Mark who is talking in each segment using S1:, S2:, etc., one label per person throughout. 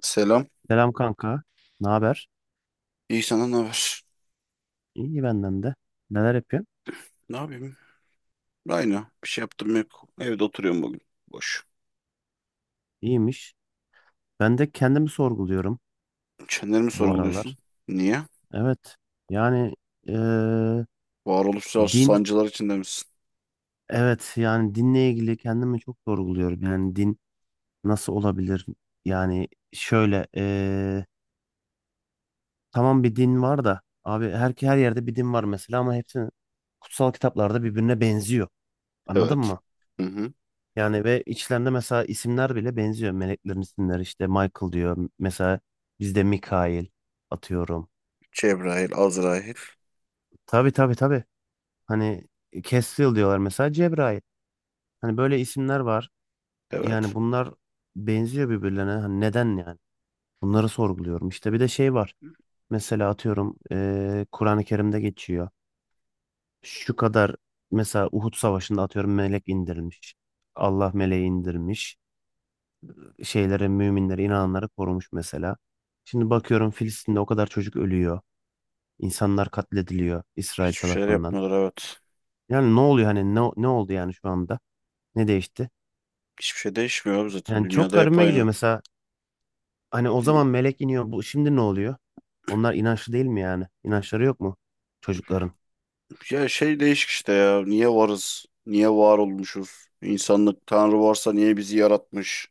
S1: Selam.
S2: Selam kanka. Ne haber?
S1: İyi sana ne haber?
S2: İyi benden de. Neler yapıyorsun?
S1: Ne yapayım? Aynı. Bir şey yaptım yok. Evde oturuyorum bugün. Boş.
S2: İyiymiş. Ben de kendimi sorguluyorum
S1: Kendini mi
S2: bu
S1: sorguluyorsun?
S2: aralar.
S1: Niye?
S2: Evet. Yani eee,
S1: Varoluşsal
S2: din.
S1: sancılar içinde misin?
S2: Evet. Yani dinle ilgili kendimi çok sorguluyorum. Yani din nasıl olabilir? Yani şöyle tamam bir din var da abi her yerde bir din var mesela ama hepsi kutsal kitaplarda birbirine benziyor. Anladın
S1: Evet.
S2: mı?
S1: Hı hı.
S2: Yani ve içlerinde mesela isimler bile benziyor. Meleklerin isimleri işte Michael diyor. Mesela bizde Mikail atıyorum.
S1: Cebrail, Azrail.
S2: Tabii tabii tabii. Hani Castiel diyorlar mesela Cebrail. Hani böyle isimler var. Yani
S1: Evet.
S2: bunlar benziyor birbirlerine. Hani neden yani? Bunları sorguluyorum. İşte bir de şey var. Mesela atıyorum Kur'an-ı Kerim'de geçiyor. Şu kadar mesela Uhud Savaşı'nda atıyorum melek indirilmiş. Allah meleği indirmiş. Şeyleri, müminleri, inananları korumuş mesela. Şimdi bakıyorum Filistin'de o kadar çocuk ölüyor. İnsanlar katlediliyor İsrail
S1: Hiçbir şeyler
S2: tarafından.
S1: yapmıyorlar evet.
S2: Yani ne oluyor hani ne oldu yani şu anda? Ne değişti?
S1: Hiçbir şey değişmiyor abi zaten.
S2: Yani çok
S1: Dünyada hep
S2: garibime gidiyor
S1: aynı.
S2: mesela hani o zaman melek iniyor. Bu şimdi ne oluyor? Onlar inançlı değil mi yani? İnançları yok mu çocukların?
S1: Ya şey değişik işte ya. Niye varız? Niye var olmuşuz? İnsanlık Tanrı varsa niye bizi yaratmış?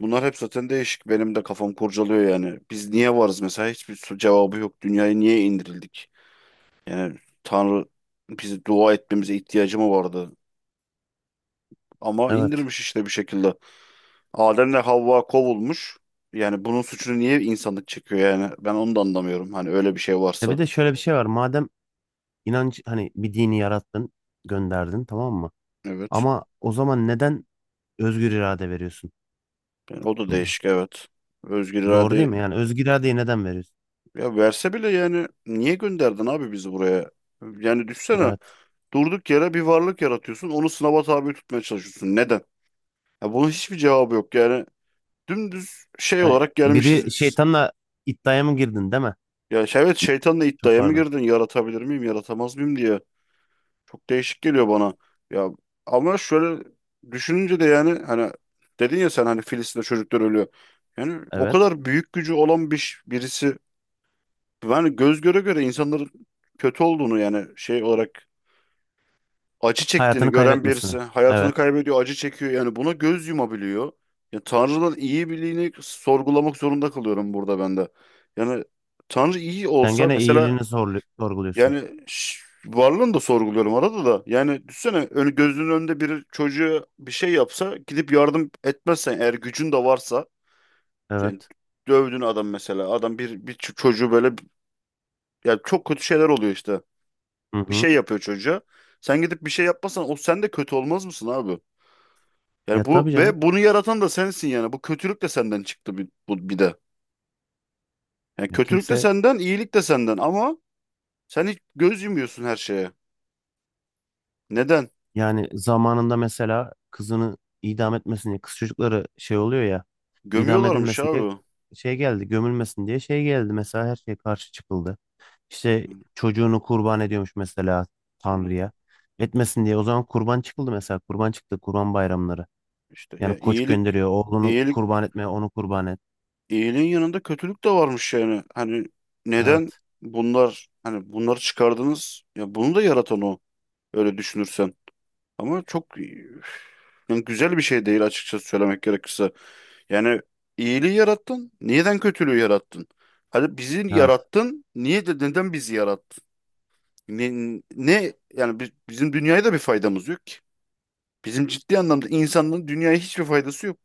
S1: Bunlar hep zaten değişik. Benim de kafam kurcalıyor yani. Biz niye varız mesela? Cevabı yok. Dünyaya niye indirildik? Yani Tanrı bizi dua etmemize ihtiyacı mı vardı? Ama
S2: Evet.
S1: indirmiş işte bir şekilde. Adem'le Havva kovulmuş. Yani bunun suçunu niye insanlık çekiyor yani? Ben onu da anlamıyorum. Hani öyle bir şey
S2: E bir
S1: varsa.
S2: de şöyle bir şey var. Madem inanç hani bir dini yarattın, gönderdin tamam mı?
S1: Evet.
S2: Ama o zaman neden özgür irade veriyorsun?
S1: Yani o da
S2: Hı.
S1: değişik evet. Özgür
S2: Doğru
S1: irade
S2: değil mi? Yani özgür iradeyi neden veriyorsun?
S1: ya verse bile yani niye gönderdin abi bizi buraya? Yani düşsene
S2: Evet.
S1: durduk yere bir varlık yaratıyorsun onu sınava tabi tutmaya çalışıyorsun. Neden? Ya bunun hiçbir cevabı yok yani. Dümdüz şey
S2: Hani
S1: olarak gelmişiz
S2: biri
S1: biz.
S2: şeytanla iddiaya mı girdin değil mi?
S1: Evet, şeytanla
S2: Çok
S1: iddiaya mı
S2: pardon.
S1: girdin? Yaratabilir miyim, yaratamaz mıyım diye. Çok değişik geliyor bana. Ya ama şöyle düşününce de yani hani dedin ya sen hani Filistin'de çocuklar ölüyor. Yani o
S2: Evet.
S1: kadar büyük gücü olan bir birisi yani göz göre göre insanların kötü olduğunu yani şey olarak acı çektiğini
S2: Hayatını
S1: gören
S2: kaybetmesine.
S1: birisi hayatını
S2: Evet.
S1: kaybediyor, acı çekiyor. Yani buna göz yumabiliyor. Ya Tanrı'nın iyi birliğini sorgulamak zorunda kalıyorum burada ben de. Yani Tanrı iyi
S2: Sen
S1: olsa
S2: gene
S1: mesela
S2: iyiliğini sorlu- sorguluyorsun.
S1: yani varlığını da sorguluyorum arada da. Yani düşünsene önü gözünün önünde bir çocuğa bir şey yapsa gidip yardım etmezsen eğer gücün de varsa yani
S2: Evet.
S1: dövdün adam mesela adam bir çocuğu böyle yani çok kötü şeyler oluyor işte.
S2: Hı
S1: Bir
S2: hı.
S1: şey yapıyor çocuğa. Sen gidip bir şey yapmasan o sen de kötü olmaz mısın abi? Yani
S2: Ya
S1: bu
S2: tabii canım.
S1: ve bunu yaratan da sensin yani. Bu kötülük de senden çıktı bir, bu, bir de. Yani
S2: Ya
S1: kötülük de
S2: kimse
S1: senden, iyilik de senden ama sen hiç göz yumuyorsun her şeye. Neden?
S2: yani zamanında mesela kızını idam etmesin diye kız çocukları şey oluyor ya idam
S1: Gömüyorlarmış
S2: edilmesin diye
S1: abi.
S2: şey geldi gömülmesin diye şey geldi mesela her şey karşı çıkıldı. İşte çocuğunu kurban ediyormuş mesela
S1: Yani
S2: Tanrı'ya. Etmesin diye o zaman kurban çıkıldı mesela kurban çıktı kurban bayramları.
S1: İşte
S2: Yani
S1: ya
S2: koç
S1: iyilik
S2: gönderiyor. Oğlunu
S1: iyilik
S2: kurban etmeye onu kurban et.
S1: iyiliğin yanında kötülük de varmış yani. Hani neden
S2: Evet.
S1: bunlar hani bunları çıkardınız? Ya bunu da yaratan o öyle düşünürsen. Ama çok yani güzel bir şey değil açıkçası söylemek gerekirse. Yani iyiliği yarattın. Neden kötülüğü yarattın? Hadi bizi
S2: Evet.
S1: yarattın. Niye de neden bizi yarattın? Ne, ne yani bizim dünyaya da bir faydamız yok ki. Bizim ciddi anlamda insanlığın dünyaya hiçbir faydası yok.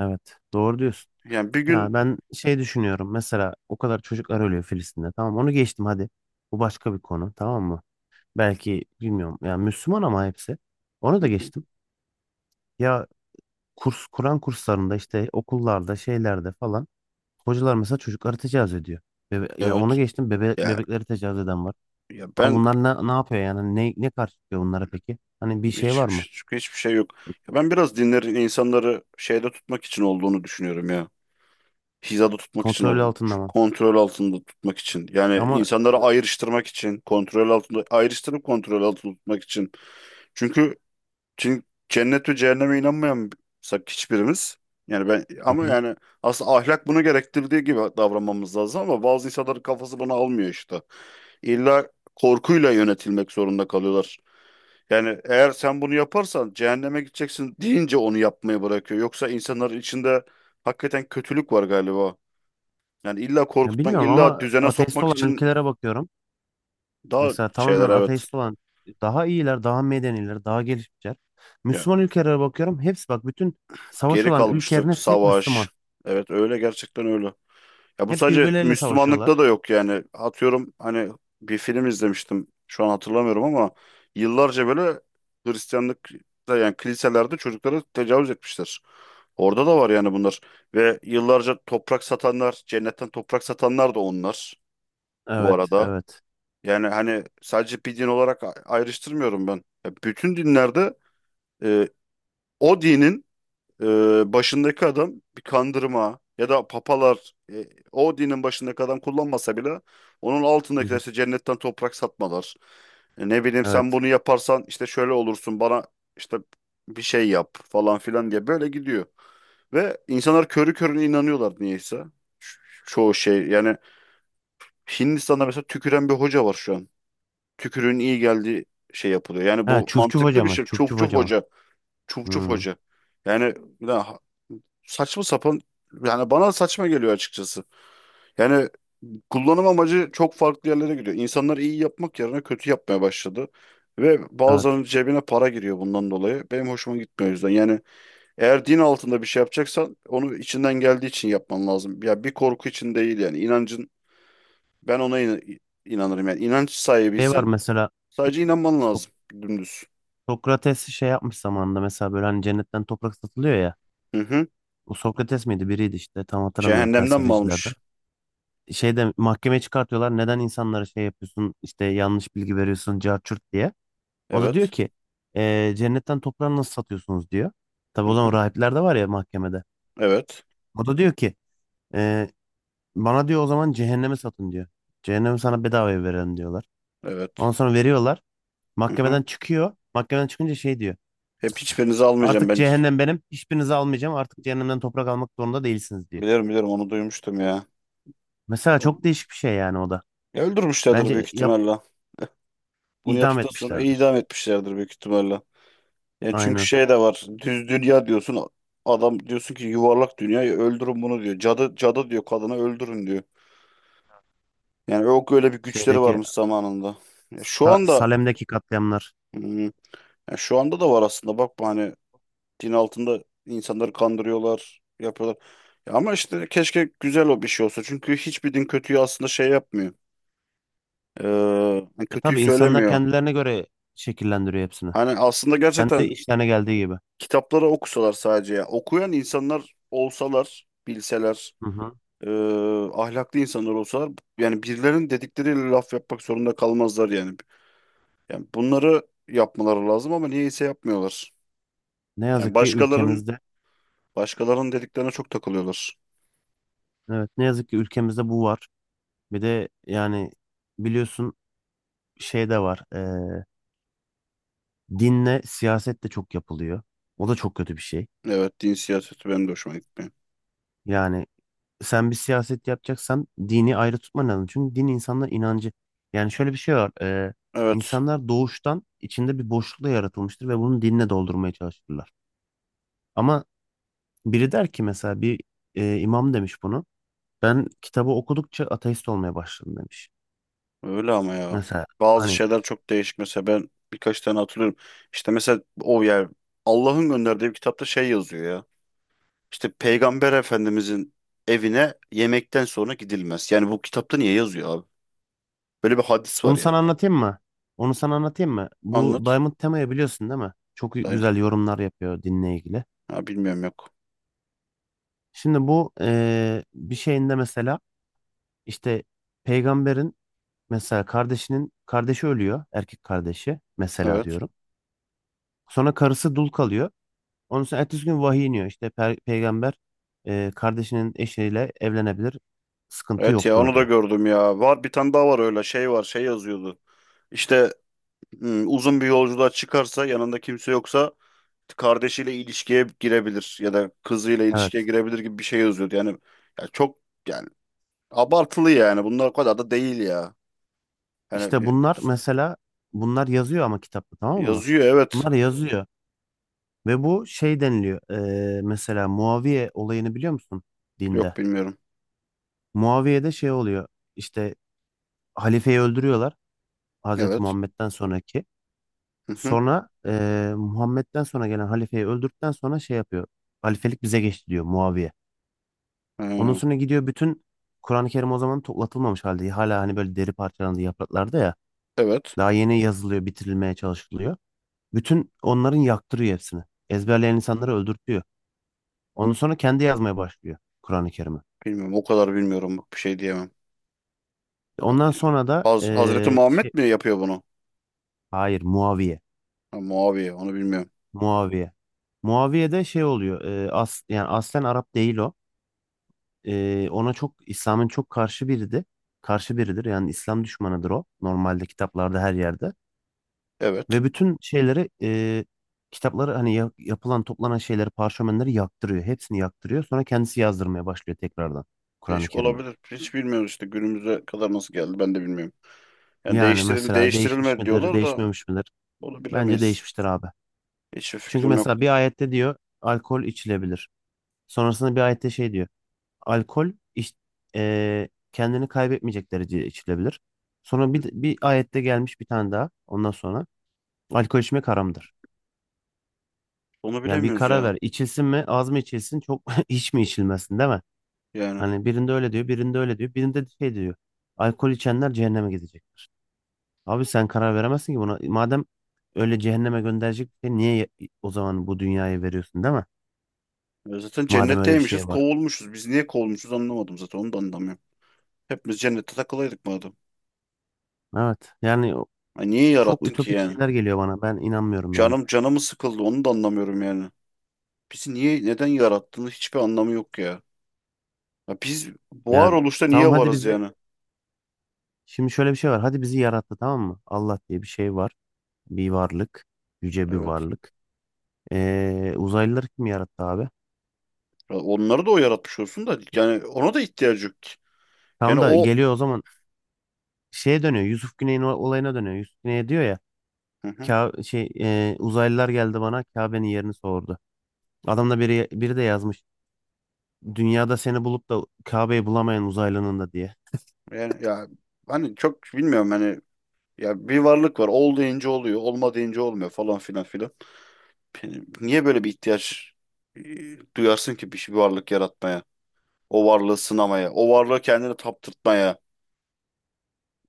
S2: Evet. Doğru diyorsun.
S1: Yani bir gün.
S2: Ya ben şey düşünüyorum. Mesela o kadar çocuklar ölüyor Filistin'de. Tamam onu geçtim hadi. Bu başka bir konu. Tamam mı? Belki bilmiyorum. Yani Müslüman ama hepsi. Onu
S1: Hı
S2: da
S1: hı.
S2: geçtim. Ya kurs Kur'an kurslarında işte okullarda şeylerde falan hocalar mesela çocukları tecavüz ediyor. Bebe- ya onu
S1: Evet.
S2: geçtim. Bebe
S1: Ya
S2: bebekleri tecavüz eden var.
S1: ya ben
S2: Ama bunlar ne yapıyor yani? Ne karşılıyor bunlara peki? Hani bir şey var mı?
S1: hiçbir şey yok. Ya ben biraz dinlerin insanları şeyde tutmak için olduğunu düşünüyorum ya. Hizada tutmak için
S2: Kontrol
S1: olduğunu
S2: altında
S1: düşün.
S2: mı?
S1: Kontrol altında tutmak için. Yani
S2: Ama
S1: insanları ayrıştırmak için, kontrol altında ayrıştırıp kontrol altında tutmak için. Çünkü çünkü cennet ve cehenneme inanmayansak hiçbirimiz yani ben
S2: hı
S1: ama
S2: hı.
S1: yani aslında ahlak bunu gerektirdiği gibi davranmamız lazım ama bazı insanların kafası bunu almıyor işte. İlla korkuyla yönetilmek zorunda kalıyorlar. Yani eğer sen bunu yaparsan cehenneme gideceksin deyince onu yapmayı bırakıyor. Yoksa insanların içinde hakikaten kötülük var galiba. Yani illa
S2: Ya
S1: korkutmak,
S2: bilmiyorum
S1: illa
S2: ama
S1: düzene
S2: ateist
S1: sokmak
S2: olan
S1: için
S2: ülkelere bakıyorum.
S1: daha
S2: Mesela
S1: şeyler
S2: tamamen
S1: evet.
S2: ateist olan daha iyiler, daha medeniler, daha gelişmişler.
S1: Ya
S2: Müslüman ülkelere bakıyorum. Hepsi bak bütün savaş
S1: geri
S2: olan ülkelerin
S1: kalmıştık,
S2: hepsi hep
S1: savaş.
S2: Müslüman.
S1: Evet öyle gerçekten öyle. Ya bu
S2: Hep
S1: sadece
S2: birbirleriyle savaşıyorlar.
S1: Müslümanlıkta da yok yani. Atıyorum hani bir film izlemiştim. Şu an hatırlamıyorum ama yıllarca böyle Hristiyanlıkta yani kiliselerde çocuklara tecavüz etmişler. Orada da var yani bunlar. Ve yıllarca toprak satanlar, cennetten toprak satanlar da onlar bu
S2: Evet,
S1: arada.
S2: evet.
S1: Yani hani sadece bir din olarak ayrıştırmıyorum ben. Ya bütün dinlerde e, o dinin e, başındaki adam bir kandırma ya da papalar o dinin başındaki adam kullanmasa bile onun
S2: Hı
S1: altındakiler
S2: hı,
S1: işte cennetten toprak satmalar. Ne bileyim sen
S2: evet.
S1: bunu yaparsan işte şöyle olursun bana işte bir şey yap falan filan diye böyle gidiyor. Ve insanlar körü körüne inanıyorlar niyeyse. Çoğu şey yani Hindistan'da mesela tüküren bir hoca var şu an. Tükürüğün iyi geldiği şey yapılıyor. Yani
S2: Ha,
S1: bu
S2: çufçuf
S1: mantıklı bir
S2: hocama,
S1: şey. Çuf
S2: çufçuf
S1: çuf
S2: hocama.
S1: hoca. Çuf çuf
S2: Hmm,
S1: hoca. Yani ya, saçma sapan yani bana saçma geliyor açıkçası. Yani kullanım amacı çok farklı yerlere gidiyor. İnsanlar iyi yapmak yerine kötü yapmaya başladı. Ve
S2: evet.
S1: bazılarının cebine para giriyor bundan dolayı. Benim hoşuma gitmiyor o yüzden. Yani eğer din altında bir şey yapacaksan onu içinden geldiği için yapman lazım. Ya bir korku için değil yani. İnancın ben ona inanırım yani. İnanç
S2: Şey var
S1: sahibiysen
S2: mesela
S1: sadece inanman
S2: So-
S1: lazım dümdüz.
S2: Sokrates şey yapmış zamanında mesela böyle hani cennetten toprak satılıyor ya.
S1: Hı hı.
S2: O Sokrates miydi biriydi işte tam hatırlamıyorum
S1: Cehennemden mi
S2: felsefecilerden.
S1: almış?
S2: Şeyde mahkemeye çıkartıyorlar. Neden insanlara şey yapıyorsun işte yanlış bilgi veriyorsun carçurt diye. O da diyor
S1: Evet.
S2: ki cennetten toprağı nasıl satıyorsunuz" diyor. Tabii o
S1: Hı
S2: zaman
S1: hı.
S2: rahipler de var ya mahkemede.
S1: Evet.
S2: O da diyor ki "Ee, bana" diyor "o zaman cehennemi satın" diyor. "Cehennemi sana bedavaya verelim" diyorlar.
S1: Evet.
S2: Ondan sonra veriyorlar.
S1: Hı hı.
S2: Mahkemeden çıkıyor. Mahkemeden çıkınca şey diyor.
S1: Hep hiçbirinizi almayacağım
S2: Artık
S1: ben.
S2: cehennem benim. Hiçbirinizi almayacağım. Artık cehennemden toprak almak zorunda değilsiniz diyor.
S1: Biliyorum onu duymuştum ya.
S2: Mesela çok değişik bir şey yani o da.
S1: Ya öldürmüşlerdir büyük
S2: Bence yap
S1: ihtimalle. Bunu
S2: idam
S1: yaptıktan sonra
S2: etmişlerdir.
S1: idam etmişlerdir büyük ihtimalle. Yani çünkü
S2: Aynen.
S1: şey de var. Düz dünya diyorsun. Adam diyorsun ki yuvarlak dünya öldürün bunu diyor. Cadı cadı diyor kadına öldürün diyor. Yani yok öyle bir güçleri
S2: Şeydeki
S1: varmış zamanında. Ya şu anda
S2: Salem'deki katliamlar.
S1: hmm, ya şu anda da var aslında. Bakma hani din altında insanları kandırıyorlar, yapıyorlar. Ya ama işte keşke güzel o bir şey olsa. Çünkü hiçbir din kötüyü aslında şey yapmıyor. Ee, Hani
S2: E
S1: kötüyü
S2: tabii insanlar
S1: söylemiyor.
S2: kendilerine göre şekillendiriyor hepsini.
S1: Hani aslında
S2: Kendi
S1: gerçekten
S2: işlerine geldiği gibi.
S1: kitapları okusalar sadece ya. Okuyan insanlar olsalar, bilseler,
S2: Hı hı.
S1: ee, ahlaklı insanlar olsalar yani birilerinin dedikleriyle laf yapmak zorunda kalmazlar yani. Yani bunları yapmaları lazım ama niyeyse yapmıyorlar.
S2: Ne
S1: Yani
S2: yazık ki ülkemizde,
S1: başkalarının dediklerine çok takılıyorlar.
S2: evet ne yazık ki ülkemizde bu var. Bir de yani biliyorsun şey de var. Dinle siyaset de çok yapılıyor. O da çok kötü bir şey.
S1: Evet, din siyaseti benim de hoşuma gitmiyor.
S2: Yani sen bir siyaset yapacaksan dini ayrı tutman lazım. Çünkü din insanların inancı. Yani şöyle bir şey var. E,
S1: Evet.
S2: insanlar doğuştan içinde bir boşlukla yaratılmıştır ve bunu dinle doldurmaya çalışırlar. Ama biri der ki mesela bir imam demiş bunu. Ben kitabı okudukça ateist olmaya başladım demiş.
S1: Öyle ama ya.
S2: Mesela
S1: Bazı
S2: hani
S1: şeyler çok değişik. Mesela ben birkaç tane hatırlıyorum. İşte mesela o yer Allah'ın gönderdiği bir kitapta şey yazıyor ya. İşte Peygamber Efendimizin evine yemekten sonra gidilmez. Yani bu kitapta niye yazıyor abi? Böyle bir hadis var
S2: onu
S1: ya.
S2: sana anlatayım mı? Onu sana anlatayım mı? Bu
S1: Anlat.
S2: Diamond Tema'yı biliyorsun değil mi? Çok
S1: Ben-
S2: güzel yorumlar yapıyor dinle ilgili.
S1: Ha, bilmiyorum yok.
S2: Şimdi bu bir şeyinde mesela işte peygamberin mesela kardeşi ölüyor. Erkek kardeşi mesela
S1: Evet.
S2: diyorum. Sonra karısı dul kalıyor. Onun sonra ertesi gün vahiy iniyor. İşte peygamber kardeşinin eşiyle evlenebilir. Sıkıntı
S1: Evet ya
S2: yoktur
S1: onu da
S2: diye.
S1: gördüm ya. Var bir tane daha var öyle şey var şey yazıyordu. İşte uzun bir yolculuğa çıkarsa yanında kimse yoksa kardeşiyle ilişkiye girebilir ya da kızıyla ilişkiye
S2: Evet.
S1: girebilir gibi bir şey yazıyordu. Yani ya çok yani abartılı yani. Bunlar o kadar da değil ya.
S2: İşte
S1: Yani
S2: bunlar mesela bunlar yazıyor ama kitapta tamam mı?
S1: yazıyor evet.
S2: Bunlar yazıyor. Ve bu şey deniliyor. Mesela Muaviye olayını biliyor musun
S1: Yok
S2: dinde?
S1: bilmiyorum.
S2: Muaviye'de şey oluyor. İşte halifeyi öldürüyorlar. Hazreti
S1: Evet.
S2: Muhammed'den sonraki.
S1: Hı hı.
S2: Sonra Muhammed'den sonra gelen halifeyi öldürdükten sonra şey yapıyor. Halifelik bize geçti diyor Muaviye. Ondan
S1: Ee,
S2: sonra gidiyor bütün Kur'an-ı Kerim o zaman toplatılmamış halde. Hala hani böyle deri parçalandı yapraklarda ya.
S1: evet.
S2: Daha yeni yazılıyor, bitirilmeye çalışılıyor. Bütün onların yaktırıyor hepsini. Ezberleyen insanları öldürtüyor. Ondan sonra kendi yazmaya başlıyor Kur'an-ı Kerim'i.
S1: Bilmiyorum. O kadar bilmiyorum. Bak, bir şey diyemem.
S2: Ondan sonra da
S1: Hazreti Muhammed mi yapıyor bunu?
S2: hayır Muaviye.
S1: Ha, Muaviye. Onu bilmiyorum.
S2: Muaviye. Muaviye de şey oluyor. Yani aslen Arap değil o. Ona çok İslam'ın karşı biridir. Karşı biridir. Yani İslam düşmanıdır o. Normalde kitaplarda her yerde.
S1: Evet.
S2: Ve bütün şeyleri kitapları hani yapılan toplanan şeyleri parşömenleri yaktırıyor. Hepsini yaktırıyor. Sonra kendisi yazdırmaya başlıyor tekrardan Kur'an-ı
S1: Değişik
S2: Kerim'i.
S1: olabilir. Hiç bilmiyoruz işte. Günümüze kadar nasıl geldi ben de bilmiyorum. Yani
S2: Yani mesela değişmiş
S1: değiştirilme
S2: midir,
S1: diyorlar da
S2: değişmemiş midir?
S1: onu
S2: Bence
S1: bilemeyiz.
S2: değişmiştir abi.
S1: Hiçbir
S2: Çünkü
S1: fikrim yok.
S2: mesela bir ayette diyor alkol içilebilir. Sonrasında bir ayette şey diyor. Alkol iç- kendini kaybetmeyecek derecede içilebilir. Sonra
S1: Hı
S2: bir,
S1: hı.
S2: bir ayette gelmiş bir tane daha. Ondan sonra alkol içmek haramdır.
S1: Onu
S2: Yani bir
S1: bilemiyoruz
S2: karar
S1: ya.
S2: ver. İçilsin mi, az mı içilsin, çok hiç mi içilmesin, değil mi?
S1: Yani
S2: Hani birinde öyle diyor, birinde öyle diyor, birinde de şey diyor. Alkol içenler cehenneme gidecektir. Abi sen karar veremezsin ki buna. Madem öyle cehenneme gönderecek bir şey niye o zaman bu dünyayı veriyorsun değil mi?
S1: ya zaten
S2: Madem öyle bir
S1: cennetteymişiz,
S2: şey var.
S1: kovulmuşuz. Biz niye kovulmuşuz anlamadım zaten onu da anlamıyorum. Hepimiz cennette takılaydık madem.
S2: Evet.
S1: Ay niye
S2: Çok
S1: yarattın ki
S2: ütopik
S1: yani?
S2: şeyler geliyor bana. Ben inanmıyorum yani.
S1: Canım canımı sıkıldı onu da anlamıyorum yani. Bizi niye neden yarattığını hiçbir anlamı yok ya. Ya biz
S2: Yani
S1: varoluşta
S2: tamam
S1: niye
S2: hadi
S1: varız
S2: bizi
S1: yani?
S2: Şimdi şöyle bir şey var. Hadi bizi yarattı tamam mı? Allah diye bir şey var. Bir varlık. Yüce bir
S1: Evet.
S2: varlık. Uzaylıları kim yarattı abi?
S1: Ya onları da o yaratmış olsun da yani ona da ihtiyacı yok ki. Yani
S2: Tam da
S1: o.
S2: geliyor o zaman şeye dönüyor. Yusuf Güney'in olayına dönüyor. Yusuf Güney diyor ya.
S1: Hı hı.
S2: Uzaylılar geldi bana Kabe'nin yerini sordu. Adam da biri de yazmış. Dünyada seni bulup da Kabe'yi bulamayan uzaylının da diye.
S1: Yani ya hani çok bilmiyorum hani ya bir varlık var. Ol deyince oluyor, olma deyince olmuyor falan filan filan. Yani niye böyle bir ihtiyaç duyarsın ki bir varlık yaratmaya? O varlığı sınamaya, o varlığı kendine taptırtmaya.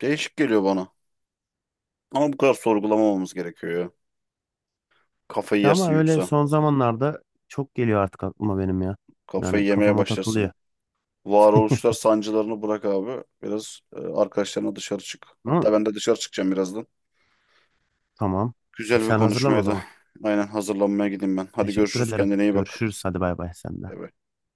S1: Değişik geliyor bana. Ama bu kadar sorgulamamamız gerekiyor ya. Kafayı
S2: İşte
S1: yersin
S2: ama öyle
S1: yoksa.
S2: son zamanlarda çok geliyor artık aklıma benim ya.
S1: Kafayı
S2: Yani
S1: yemeye
S2: kafama takılıyor.
S1: başlarsın. Varoluşlar sancılarını bırak abi. Biraz arkadaşlarına dışarı çık.
S2: Ama
S1: Hatta ben de dışarı çıkacağım birazdan.
S2: tamam.
S1: Güzel bir
S2: Sen hazırlan o
S1: konuşmaya da
S2: zaman.
S1: aynen hazırlanmaya gideyim ben. Hadi
S2: Teşekkür
S1: görüşürüz.
S2: ederim.
S1: Kendine iyi bak.
S2: Görüşürüz. Hadi bay bay sen de.
S1: Bay bay.